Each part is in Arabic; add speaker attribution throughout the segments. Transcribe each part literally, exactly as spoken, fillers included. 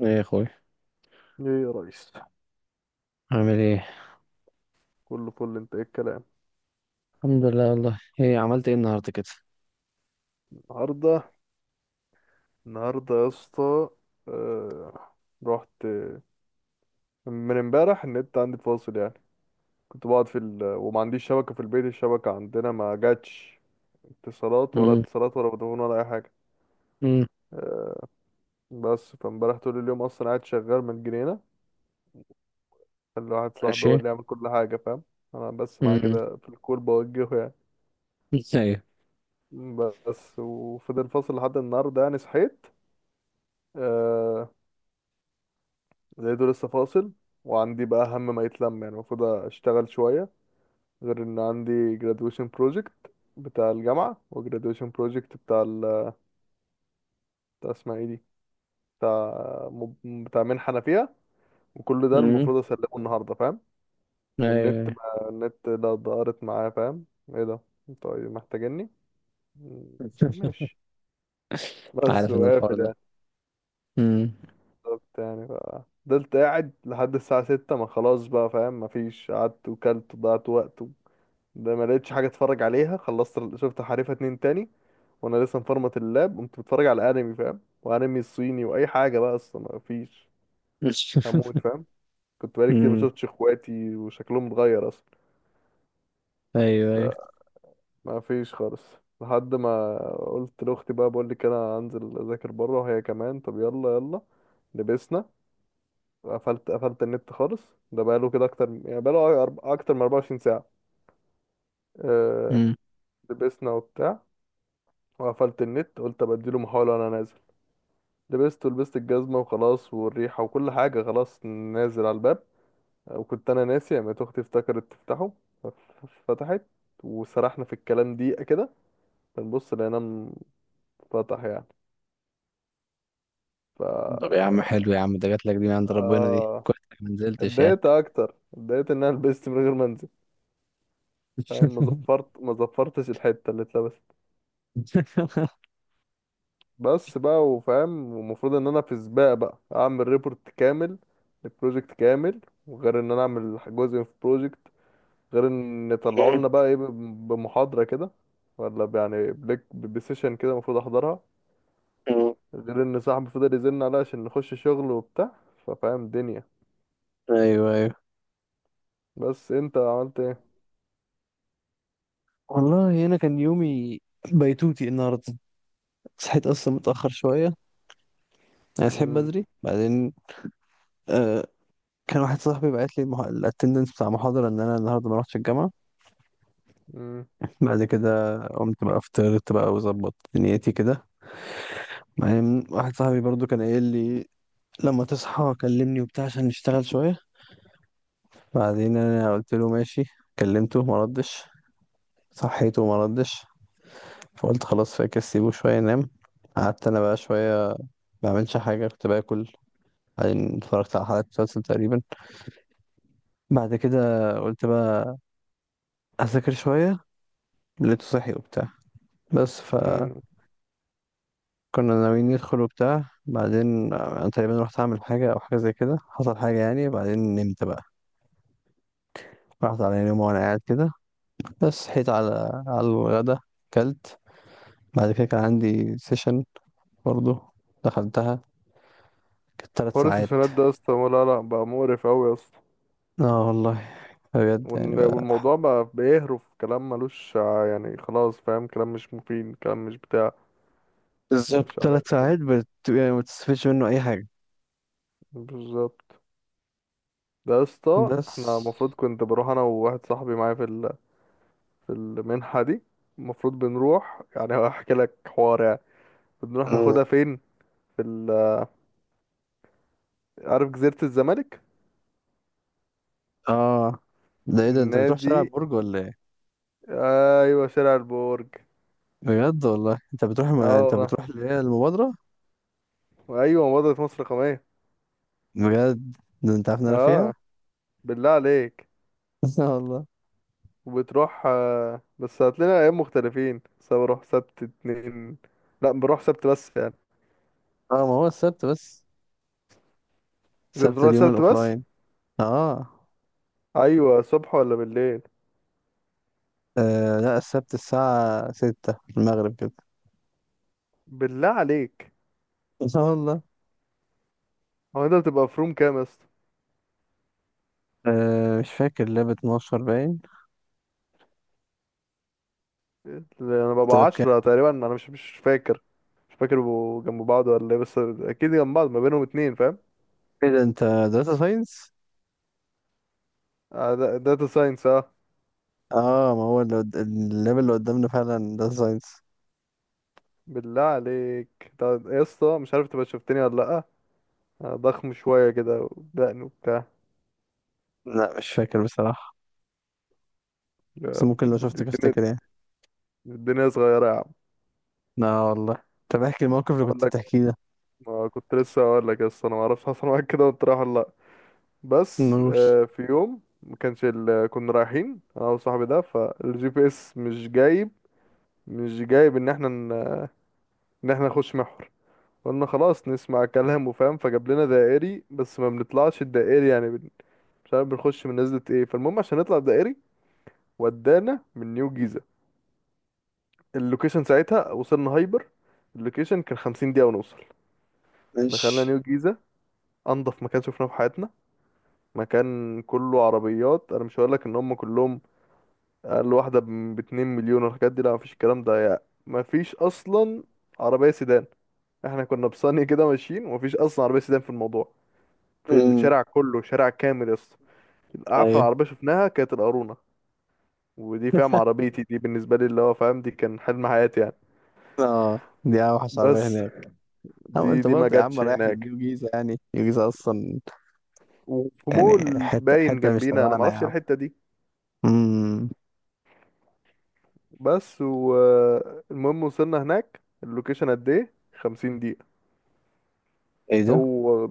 Speaker 1: ايه يا اخوي؟
Speaker 2: ايه يا ريس،
Speaker 1: عامل ايه؟
Speaker 2: كله فل. انت ايه الكلام؟
Speaker 1: الحمد لله، والله ايه عملت ايه النهارده كده؟
Speaker 2: النهارده النهارده يا اسطى. آه... رحت من امبارح النت عندي فاصل يعني. كنت بقعد في ال... وما عنديش شبكه في البيت، الشبكه عندنا ما جاتش. اتصالات ولا
Speaker 1: امم.
Speaker 2: اتصالات ولا فودافون ولا اي حاجه.
Speaker 1: امم.
Speaker 2: آه، بس فامبارح طول اليوم اصلا قاعد شغال من جنينه اللي واحد صاحبي هو
Speaker 1: ماشي.
Speaker 2: اللي يعمل كل حاجه، فاهم؟ انا بس معاه
Speaker 1: امم.
Speaker 2: كده في الكور بوجهه يعني.
Speaker 1: ايوه.
Speaker 2: بس وفضل فاصل لحد النهارده يعني. صحيت. آه، زي دول لسه فاصل. وعندي بقى هم ما يتلم يعني، المفروض اشتغل شوية. غير ان عندي graduation project بتاع الجامعة، و graduation project بتاع ال بتاع اسمها ايه دي، بتاع، مب- بتاع منحة انا فيها. وكل ده
Speaker 1: امم.
Speaker 2: المفروض اسلمه النهاردة، فاهم؟
Speaker 1: ايوه
Speaker 2: والنت،
Speaker 1: أيوة.
Speaker 2: ما النت ده ضارت معايا، فاهم؟ ايه ده، انتوا إيه محتاجيني؟ م- ماشي. بس
Speaker 1: عارف ان الحوار
Speaker 2: وقافل
Speaker 1: ده.
Speaker 2: يعني.
Speaker 1: امم.
Speaker 2: بالظبط يعني. ف فضلت قاعد لحد الساعة ستة ما خلاص بقى، فاهم؟ مفيش. قعدت وكلت وضيعت وقت. ده ما لقيتش حاجه اتفرج عليها. خلصت شفت حريفه اتنين تاني وانا لسه مفرمط اللاب. قمت بتفرج على انمي، فاهم؟ وانمي الصيني واي حاجه بقى، اصلا ما فيش هموت، فاهم؟ كنت بقالي كتير ما
Speaker 1: امم.
Speaker 2: شفتش اخواتي وشكلهم اتغير اصلا.
Speaker 1: ايوه ايوه.
Speaker 2: فما فيش خالص لحد ما قلت لاختي بقى، بقول لك انا هنزل اذاكر بره، وهي كمان طب يلا يلا. لبسنا. قفلت قفلت النت خالص، ده بقاله كده اكتر يعني، بقاله أرب- اكتر من أربعة وعشرين ساعة ساعه. أه.
Speaker 1: امم.
Speaker 2: لبسنا وبتاع، وقفلت النت، قلت ابديله محاولة وانا نازل. لبست، ولبست الجزمة وخلاص والريحة وكل حاجة، خلاص نازل على الباب. وكنت أنا ناسي، قامت أختي افتكرت تفتحه. ف- فتحت، وسرحنا في الكلام دقيقة كده. بنبص لقيناه انفتح يعني. ف،
Speaker 1: طب يا عم، حلو يا عم، ده جات لك دي من عند ربنا، دي
Speaker 2: آه.
Speaker 1: كويس إنك ما نزلتش يعني.
Speaker 2: اتضايقت أكتر اتضايقت إن أنا لبست من غير ما أنزل، فاهم؟ ما زفرت ما زفرتش الحتة اللي اتلبست بس بقى، وفاهم. ومفروض إن أنا في سباق بقى، أعمل ريبورت كامل، البروجكت كامل. وغير إن أنا أعمل جزء في بروجكت، غير ان يطلعوا لنا بقى ايه، ب- بمحاضرة كده، ولا يعني بليك بسيشن كده، المفروض احضرها.
Speaker 1: أمم.
Speaker 2: غير ان صاحبي فضل يزن عليا عشان نخش شغل وبتاع، ففاهم دنيا.
Speaker 1: ايوه ايوه.
Speaker 2: بس انت عملت ايه؟
Speaker 1: والله انا كان يومي بيتوتي النهارده. صحيت اصلا متاخر شويه. انا صحيت
Speaker 2: مم،
Speaker 1: بدري بعدين. آه، كان واحد صاحبي بعت لي الاتندنس بتاع محاضرة ان انا النهارده ما رحتش الجامعة.
Speaker 2: مم،
Speaker 1: بعد كده قمت بقى فطرت بقى وظبطت دنيتي كده. بعدين واحد صاحبي برضو كان قايل لي لما تصحى كلمني وبتاع عشان نشتغل شوية. بعدين انا قلت له ماشي. كلمته ما ردش. صحيته وما ردش. فقلت خلاص فاكر سيبه شوية ينام. قعدت انا بقى شوية ما بعملش حاجة، كنت باكل. بعدين اتفرجت على حلقة مسلسل تقريبا. بعد كده قلت بقى أذاكر شوية. لقيته صحي وبتاع. بس ف
Speaker 2: مم.
Speaker 1: كنا ناويين ندخل وبتاع، بعدين انا تقريبا رحت اعمل حاجه او حاجه زي كده، حصل حاجه يعني، بعدين نمت بقى. رحت على نوم وانا قاعد كده. بس صحيت على على الغدا. كلت. بعد كده كان عندي سيشن برضه. دخلتها، كانت ثلاث
Speaker 2: حوار
Speaker 1: ساعات
Speaker 2: السيشنات ده يا اسطى، لا لا، بقى مقرف قوي يا اسطى.
Speaker 1: اه والله، بجد يعني
Speaker 2: وال-
Speaker 1: بقى.
Speaker 2: والموضوع بقى بيهرف كلام ملوش ع- يعني، خلاص فاهم، كلام مش مفيد، كلام مش بتاع.
Speaker 1: بالظبط
Speaker 2: مش
Speaker 1: ثلاث
Speaker 2: عارف.
Speaker 1: ساعات بت... يعني ما بتستفدش منه اي حاجه.
Speaker 2: بالظبط. ده يا اسطى
Speaker 1: بس.
Speaker 2: احنا المفروض كنت بروح انا وواحد صاحبي معايا في، في المنحة دي. المفروض بنروح يعني، هحكي لك حوار يعني. بنروح
Speaker 1: مم.
Speaker 2: ناخدها فين؟ في ال- عارف جزيرة الزمالك؟
Speaker 1: اه ده، ايه ده، انت بتروح
Speaker 2: نادي،
Speaker 1: شارع برج ولا ايه؟
Speaker 2: ايوه شارع البرج.
Speaker 1: بجد والله، انت بتروح
Speaker 2: اه
Speaker 1: ما... انت
Speaker 2: والله.
Speaker 1: بتروح اللي هي المبادره.
Speaker 2: وايوه، مباراة مصر الرقمية.
Speaker 1: بجد، ده انت عارف ان انا فيها.
Speaker 2: اه. بالله عليك.
Speaker 1: اه والله.
Speaker 2: وبتروح، آه، بس هات لنا ايام مختلفين. بس أنا بروح سبت اتنين. لا بروح سبت بس يعني.
Speaker 1: اه ما هو السبت بس.
Speaker 2: انت
Speaker 1: السبت
Speaker 2: بتروح
Speaker 1: اليوم
Speaker 2: سبت بس؟
Speaker 1: الاوفلاين. اه.
Speaker 2: ايوه، صبح ولا بالليل؟
Speaker 1: آه، لا السبت الساعة ستة المغرب كده.
Speaker 2: بالله عليك.
Speaker 1: اه والله.
Speaker 2: هو انت بتبقى في روم كام يا اسطى؟
Speaker 1: آه مش فاكر، لاب اتناشر باين.
Speaker 2: انا
Speaker 1: انت
Speaker 2: ببقى
Speaker 1: لاب كام؟
Speaker 2: عشرة تقريبا، انا مش مش فاكر. مش فاكر بيبقوا جنب بعض ولا ايه، بس اكيد جنب بعض، ما بينهم اتنين، فاهم؟
Speaker 1: ايه ده، انت داتا ساينس؟
Speaker 2: آه، دا- داتا ساينس، اه.
Speaker 1: اه ما هو اللي قد- اللاب اللي قدامنا فعلا داتا ساينس.
Speaker 2: بالله عليك، طب يا اسطى مش عارف تبقى شفتني ولا لا. أنا ضخم شوية كده ودقن وبتاع.
Speaker 1: لا مش فاكر بصراحة.
Speaker 2: يا
Speaker 1: بس ممكن لو
Speaker 2: ابني،
Speaker 1: شفتك
Speaker 2: الدنيا،
Speaker 1: افتكر يعني.
Speaker 2: الدنيا صغيرة يا عم.
Speaker 1: لا والله. طب احكي الموقف اللي
Speaker 2: بقول
Speaker 1: كنت
Speaker 2: لك.
Speaker 1: بتحكيه ده.
Speaker 2: ما كنت لسه هقول لك يا اسطى، انا ما اعرفش حصل معاك كده وانت رايح ولا لا. بس
Speaker 1: نور.
Speaker 2: آه، في يوم، ما كانش ال- كنا رايحين انا وصاحبي ده، فالجي بي اس مش جايب مش جايب ان احنا، ان احنا نخش محور. قلنا خلاص نسمع كلام وفاهم، فجاب لنا دائري، بس ما بنطلعش الدائري يعني، بن... مش عارف بنخش من نزلة ايه، فالمهم عشان نطلع دائري، ودانا من نيو جيزة. اللوكيشن ساعتها وصلنا هايبر. اللوكيشن كان خمسين دقيقة ونوصل. دخلنا
Speaker 1: ماشي.
Speaker 2: نيو جيزة، انضف مكان شفناه في حياتنا. مكان كله عربيات، انا مش هقولك ان هم كلهم اقل واحدة ب- باتنين مليون. والحاجات دي، لا مفيش الكلام ده يعني، مفيش اصلا عربية سيدان. احنا كنا بصني كده ماشيين، ومفيش اصلا عربية سيدان في الموضوع، في
Speaker 1: امم.
Speaker 2: الشارع كله، شارع كامل يا اسطى. اعفن
Speaker 1: ايوه.
Speaker 2: عربيه شفناها كانت القارونه. ودي، فاهم، عربيتي دي بالنسبه لي اللي هو فاهم، دي كان حلم حياتي يعني.
Speaker 1: اه. دي اوحش عربية
Speaker 2: بس
Speaker 1: هناك. او
Speaker 2: دي
Speaker 1: انت
Speaker 2: دي ما
Speaker 1: برضه يا عم
Speaker 2: جاتش
Speaker 1: رايح
Speaker 2: هناك.
Speaker 1: لنيو جيزة، يعني نيو جيزة اصلا.
Speaker 2: وفي
Speaker 1: يعني
Speaker 2: مول
Speaker 1: حتة
Speaker 2: باين
Speaker 1: حتة مش
Speaker 2: جنبينا، انا ما
Speaker 1: تبعنا يا
Speaker 2: اعرفش إيه
Speaker 1: عم.
Speaker 2: الحته دي.
Speaker 1: امم.
Speaker 2: بس والمهم، وصلنا هناك اللوكيشن قد ايه خمسين دقيقة دقيقه.
Speaker 1: ايه ده؟
Speaker 2: هو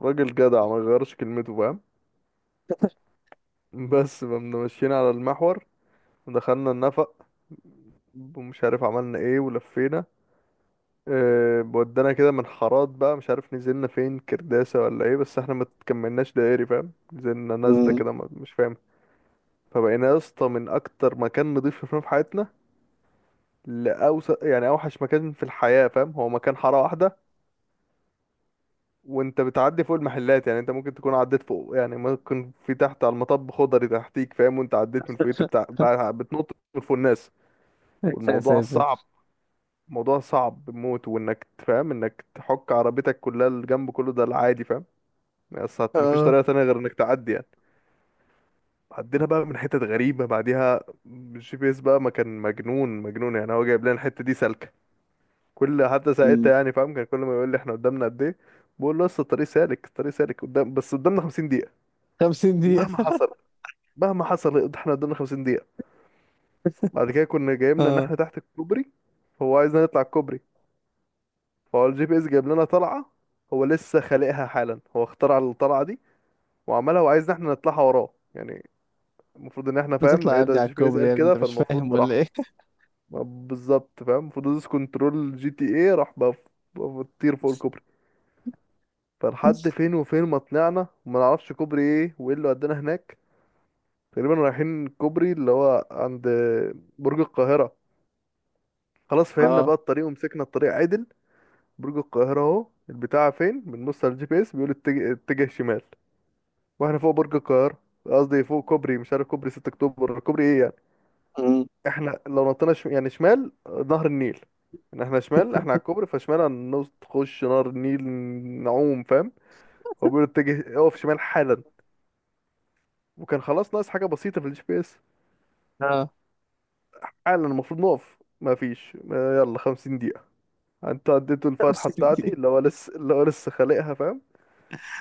Speaker 2: راجل جدع، ما غيرش كلمته، فاهم؟ بس فمنا ماشيين على المحور، دخلنا النفق، ومش عارف عملنا ايه ولفينا. آه، ودانا كده من حارات بقى، مش عارف نزلنا فين، كرداسة ولا ايه، بس احنا ما تكملناش دائري، فاهم؟ نزلنا نازلة
Speaker 1: امم.
Speaker 2: كده، ما- مش فاهم. فبقينا يا اسطى من اكتر مكان نضيف شفناه في حياتنا لأوسط يعني اوحش مكان في الحياة، فاهم؟ هو مكان حارة واحدة، وانت بتعدي فوق المحلات يعني. انت ممكن تكون عديت فوق يعني، ممكن في تحت على المطب خضري تحتيك، فاهم؟ وانت عديت من فوقيت بتاع بقى، بتنط من فوق الناس.
Speaker 1: يا
Speaker 2: والموضوع
Speaker 1: ساتر.
Speaker 2: صعب، موضوع صعب بموت. وانك تفهم انك تحك عربيتك كلها، الجنب كله، ده العادي، فاهم؟ بس هت- مفيش
Speaker 1: اه.
Speaker 2: طريقة تانية غير انك تعدي يعني. عدينا بقى من حتت غريبة بعديها. الجي بي اس بقى ما كان مجنون مجنون يعني، هو جايب لنا الحتة دي سالكة كل حتى
Speaker 1: امم.
Speaker 2: ساعتها يعني، فاهم؟ كان كل ما يقول لي احنا قدامنا قد ايه، بقول له لسه الطريق سالك، الطريق سالك قدام، بس قدامنا 50 دقيقة.
Speaker 1: 50 دقيقة.
Speaker 2: مهما حصل مهما حصل احنا قدامنا 50 دقيقة. بعد كده كنا جايبنا ان
Speaker 1: اه
Speaker 2: احنا تحت الكوبري، فهو عايزنا نطلع الكوبري. فهو الجي بي اس جايب لنا طلعة، هو لسه خالقها حالا، هو اخترع الطلعة دي وعملها، وعايزنا احنا نطلعها وراه يعني. المفروض ان احنا فاهم
Speaker 1: بتطلع يا
Speaker 2: ايه ده،
Speaker 1: ابني على
Speaker 2: الجي بي اس
Speaker 1: الكوبري،
Speaker 2: قال
Speaker 1: يا ابني
Speaker 2: كده
Speaker 1: انت مش فاهم
Speaker 2: فالمفروض
Speaker 1: ولا
Speaker 2: راح.
Speaker 1: ايه؟
Speaker 2: بالظبط، فاهم؟ المفروض دوس كنترول جي تي ايه راح بقى، ف- بقى بتطير فوق الكوبري. فلحد فين وفين ما طلعنا، وما نعرفش كوبري ايه وايه اللي ودانا هناك. تقريبا رايحين كوبري اللي هو عند برج القاهرة. خلاص فهمنا
Speaker 1: اه.
Speaker 2: بقى الطريق ومسكنا الطريق عدل. برج القاهرة اهو البتاع فين، بنبص على الجي بي اس بيقول اتجه، اتجه شمال، واحنا فوق برج القاهرة. قصدي فوق كوبري، مش عارف كوبري 6 اكتوبر كوبري ايه يعني.
Speaker 1: امم.
Speaker 2: احنا لو نطينا شم... يعني شمال، نهر النيل. ان احنا شمال، احنا على الكوبري، فشمال هنخش نهر النيل، نعوم، فاهم؟ هو بيقول اتجه، اقف شمال حالا، وكان خلاص ناقص حاجه بسيطه في الجي بي اس.
Speaker 1: اه.
Speaker 2: حالا المفروض نقف، ما فيش ما- يلا خمسين دقيقة دقيقه. انت اديته الفتحه
Speaker 1: 50 دقيقة.
Speaker 2: بتاعتي، اللي هو لسه، اللي هو لسه خالقها، فاهم؟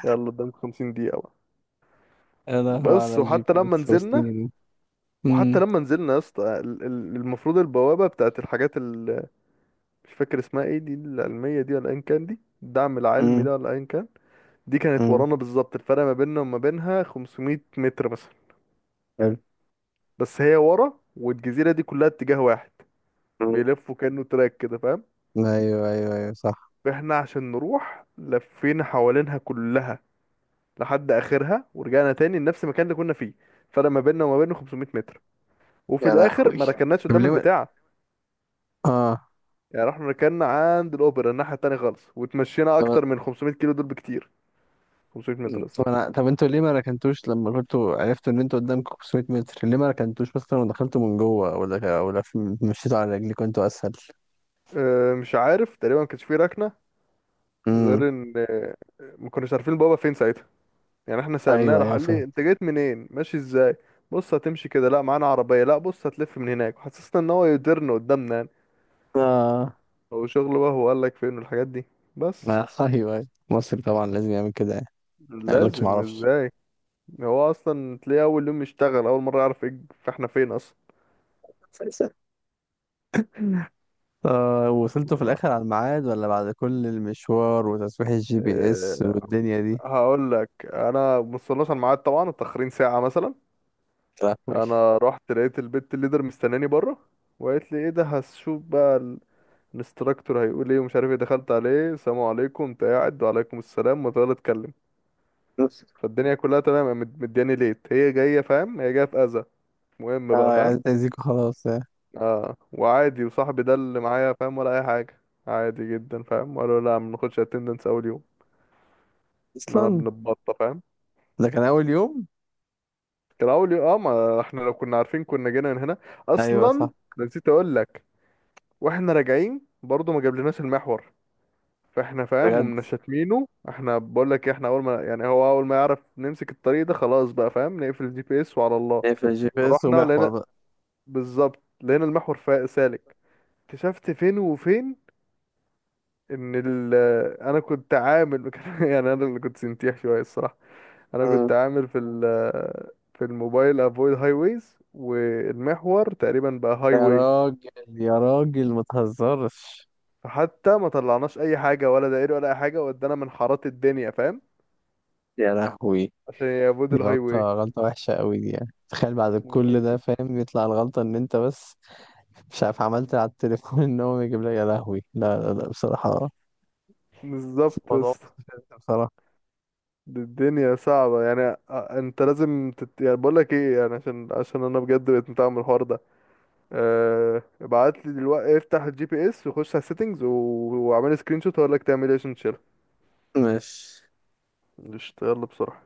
Speaker 2: يلا قدامك خمسين دقيقة دقيقه بقى.
Speaker 1: يا لهوي
Speaker 2: بس
Speaker 1: على جي
Speaker 2: وحتى
Speaker 1: بي
Speaker 2: لما
Speaker 1: اس
Speaker 2: نزلنا،
Speaker 1: وسنينه.
Speaker 2: وحتى
Speaker 1: امم.
Speaker 2: لما نزلنا يا اسطى، ال- ال- المفروض البوابه بتاعت الحاجات، مش فاكر اسمها ايه دي، العلمية دي ولا ايا كان، دي الدعم العلمي
Speaker 1: امم.
Speaker 2: ده ولا ايا كان، دي كانت
Speaker 1: امم.
Speaker 2: ورانا بالظبط، الفرق ما بيننا وما بينها 500 متر مثلا.
Speaker 1: حلو.
Speaker 2: بس هي ورا، والجزيرة دي كلها اتجاه واحد،
Speaker 1: امم.
Speaker 2: بيلفوا كأنه تراك كده، فاهم؟
Speaker 1: ايوه ايوه ايوه صح.
Speaker 2: فاحنا عشان نروح لفينا حوالينها كلها، لحد اخرها ورجعنا تاني لنفس المكان اللي كنا فيه. الفرق ما بيننا وما بينه 500 متر. وفي
Speaker 1: يا
Speaker 2: الاخر
Speaker 1: لهوي.
Speaker 2: ما ركناش
Speaker 1: طب
Speaker 2: قدام
Speaker 1: ليه ما-
Speaker 2: البتاع
Speaker 1: اه.
Speaker 2: يعني، رحنا ركنا عند الاوبرا الناحية التانية خالص، وتمشينا
Speaker 1: طب
Speaker 2: اكتر من 500 كيلو، دول بكتير 500 متر بس.
Speaker 1: طب انا طب انتوا ليه ما ركنتوش لما كنتوا عرفتوا ان انتوا قدامكم 500 متر، ليه ما ركنتوش مثلا ودخلتوا من جوه، ولا ولا في- مشيتوا على رجليكم انتوا اسهل.
Speaker 2: آه، مش عارف، تقريبا ما كانش فيه ركنه.
Speaker 1: امم.
Speaker 2: غير ان آه، ما كناش عارفين بابا فين ساعتها. يعني احنا سالناه،
Speaker 1: ايوه
Speaker 2: راح
Speaker 1: ايوه
Speaker 2: قال لي
Speaker 1: فاهم.
Speaker 2: انت جيت منين، ماشي ازاي، بص هتمشي كده، لا معانا عربيه، لا بص هتلف من هناك، حسسنا ان هو يديرنا قدامنا يعني.
Speaker 1: اه.
Speaker 2: هو شغله بقى، هو قال لك فين والحاجات دي. بس
Speaker 1: آه، ايوه ايوه مصر طبعا لازم يعمل كده يعني. ما يقولكش ما
Speaker 2: لازم
Speaker 1: اعرفش.
Speaker 2: ازاي، هو اصلا تلاقيه اول يوم يشتغل اول مره، يعرف ايه فاحنا فين اصلا.
Speaker 1: آه وصلتوا في الاخر على الميعاد ولا بعد كل المشوار وتصحيح الجي بي اس
Speaker 2: آه،
Speaker 1: والدنيا دي؟
Speaker 2: هقول لك انا وصلناش على الميعاد طبعا، متاخرين ساعه مثلا.
Speaker 1: يا لهوي.
Speaker 2: انا رحت لقيت البت الليدر مستناني بره، وقالت لي ايه ده، هشوف بقى ال- الانستراكتور هيقول ايه ومش عارف ايه. دخلت عليه السلام عليكم، انت قاعد، وعليكم السلام، وتقعد اتكلم. فالدنيا كلها تمام، قامت مدياني ليت هي جايه، فاهم؟ هي جايه في اذى. مهم
Speaker 1: اه
Speaker 2: بقى،
Speaker 1: عايز
Speaker 2: فاهم؟
Speaker 1: تأذيكوا خلاص آه.
Speaker 2: اه وعادي، وصاحبي ده اللي معايا، فاهم ولا اي حاجه. عادي جدا، فاهم؟ قالوا لا ما بناخدش اتندنس اول يوم. ان انا
Speaker 1: اصلا
Speaker 2: بنتبطى، فاهم؟
Speaker 1: ده كان اول يوم.
Speaker 2: كان اول يوم، اه. ما احنا لو كنا عارفين كنا جينا من هنا
Speaker 1: ايوه
Speaker 2: اصلا.
Speaker 1: صح.
Speaker 2: نسيت اقول لك، واحنا راجعين برضو ما جابلناش المحور. فاحنا فاهم
Speaker 1: بجد،
Speaker 2: ومن شاتمينه احنا، بقول لك احنا اول ما يعني، هو اول ما يعرف نمسك الطريق ده خلاص بقى، فاهم؟ نقفل الجي بي اس وعلى الله.
Speaker 1: ايه في الجي بي اس
Speaker 2: فرحنا لقينا،
Speaker 1: ومحور؟
Speaker 2: بالظبط لقينا المحور فا- سالك. اكتشفت فين وفين ان ال، انا كنت عامل يعني، انا اللي كنت سنتيح شويه الصراحه. انا
Speaker 1: مم.
Speaker 2: كنت عامل في ال، في الموبايل افويد هاي ويز، والمحور تقريبا بقى هاي
Speaker 1: يا
Speaker 2: واي.
Speaker 1: راجل يا راجل ما تهزرش.
Speaker 2: فحتى ما طلعناش اي حاجه ولا دائري ولا اي حاجه، ودانا من حارات الدنيا، فاهم؟
Speaker 1: يا لهوي.
Speaker 2: عشان يافويد
Speaker 1: دي
Speaker 2: الهاي
Speaker 1: غلطة،
Speaker 2: واي.
Speaker 1: غلطة وحشة قوي دي، يعني تخيل بعد كل ده
Speaker 2: مميت.
Speaker 1: فاهم، يطلع الغلطة ان انت بس مش عارف عملت على التليفون ان هو يجيب لك. يا لهوي، لا لا لا بصراحة.
Speaker 2: بالظبط يا
Speaker 1: الموضوع
Speaker 2: اسطى.
Speaker 1: مستفز بصراحة.
Speaker 2: دي الدنيا صعبة يعني. آه، انت لازم تت... يعني بقول لك ايه يعني، عشان، عشان انا بجد بقيت متعب من الحوار ده. أه... ابعت لي دلوقتي، افتح الجي بي اس وخش على السيتنج و... واعمل سكرين شوت، هقول لك تعمل ايه عشان تشيلها.
Speaker 1: ماشي.
Speaker 2: قشطة، يلا بسرعة.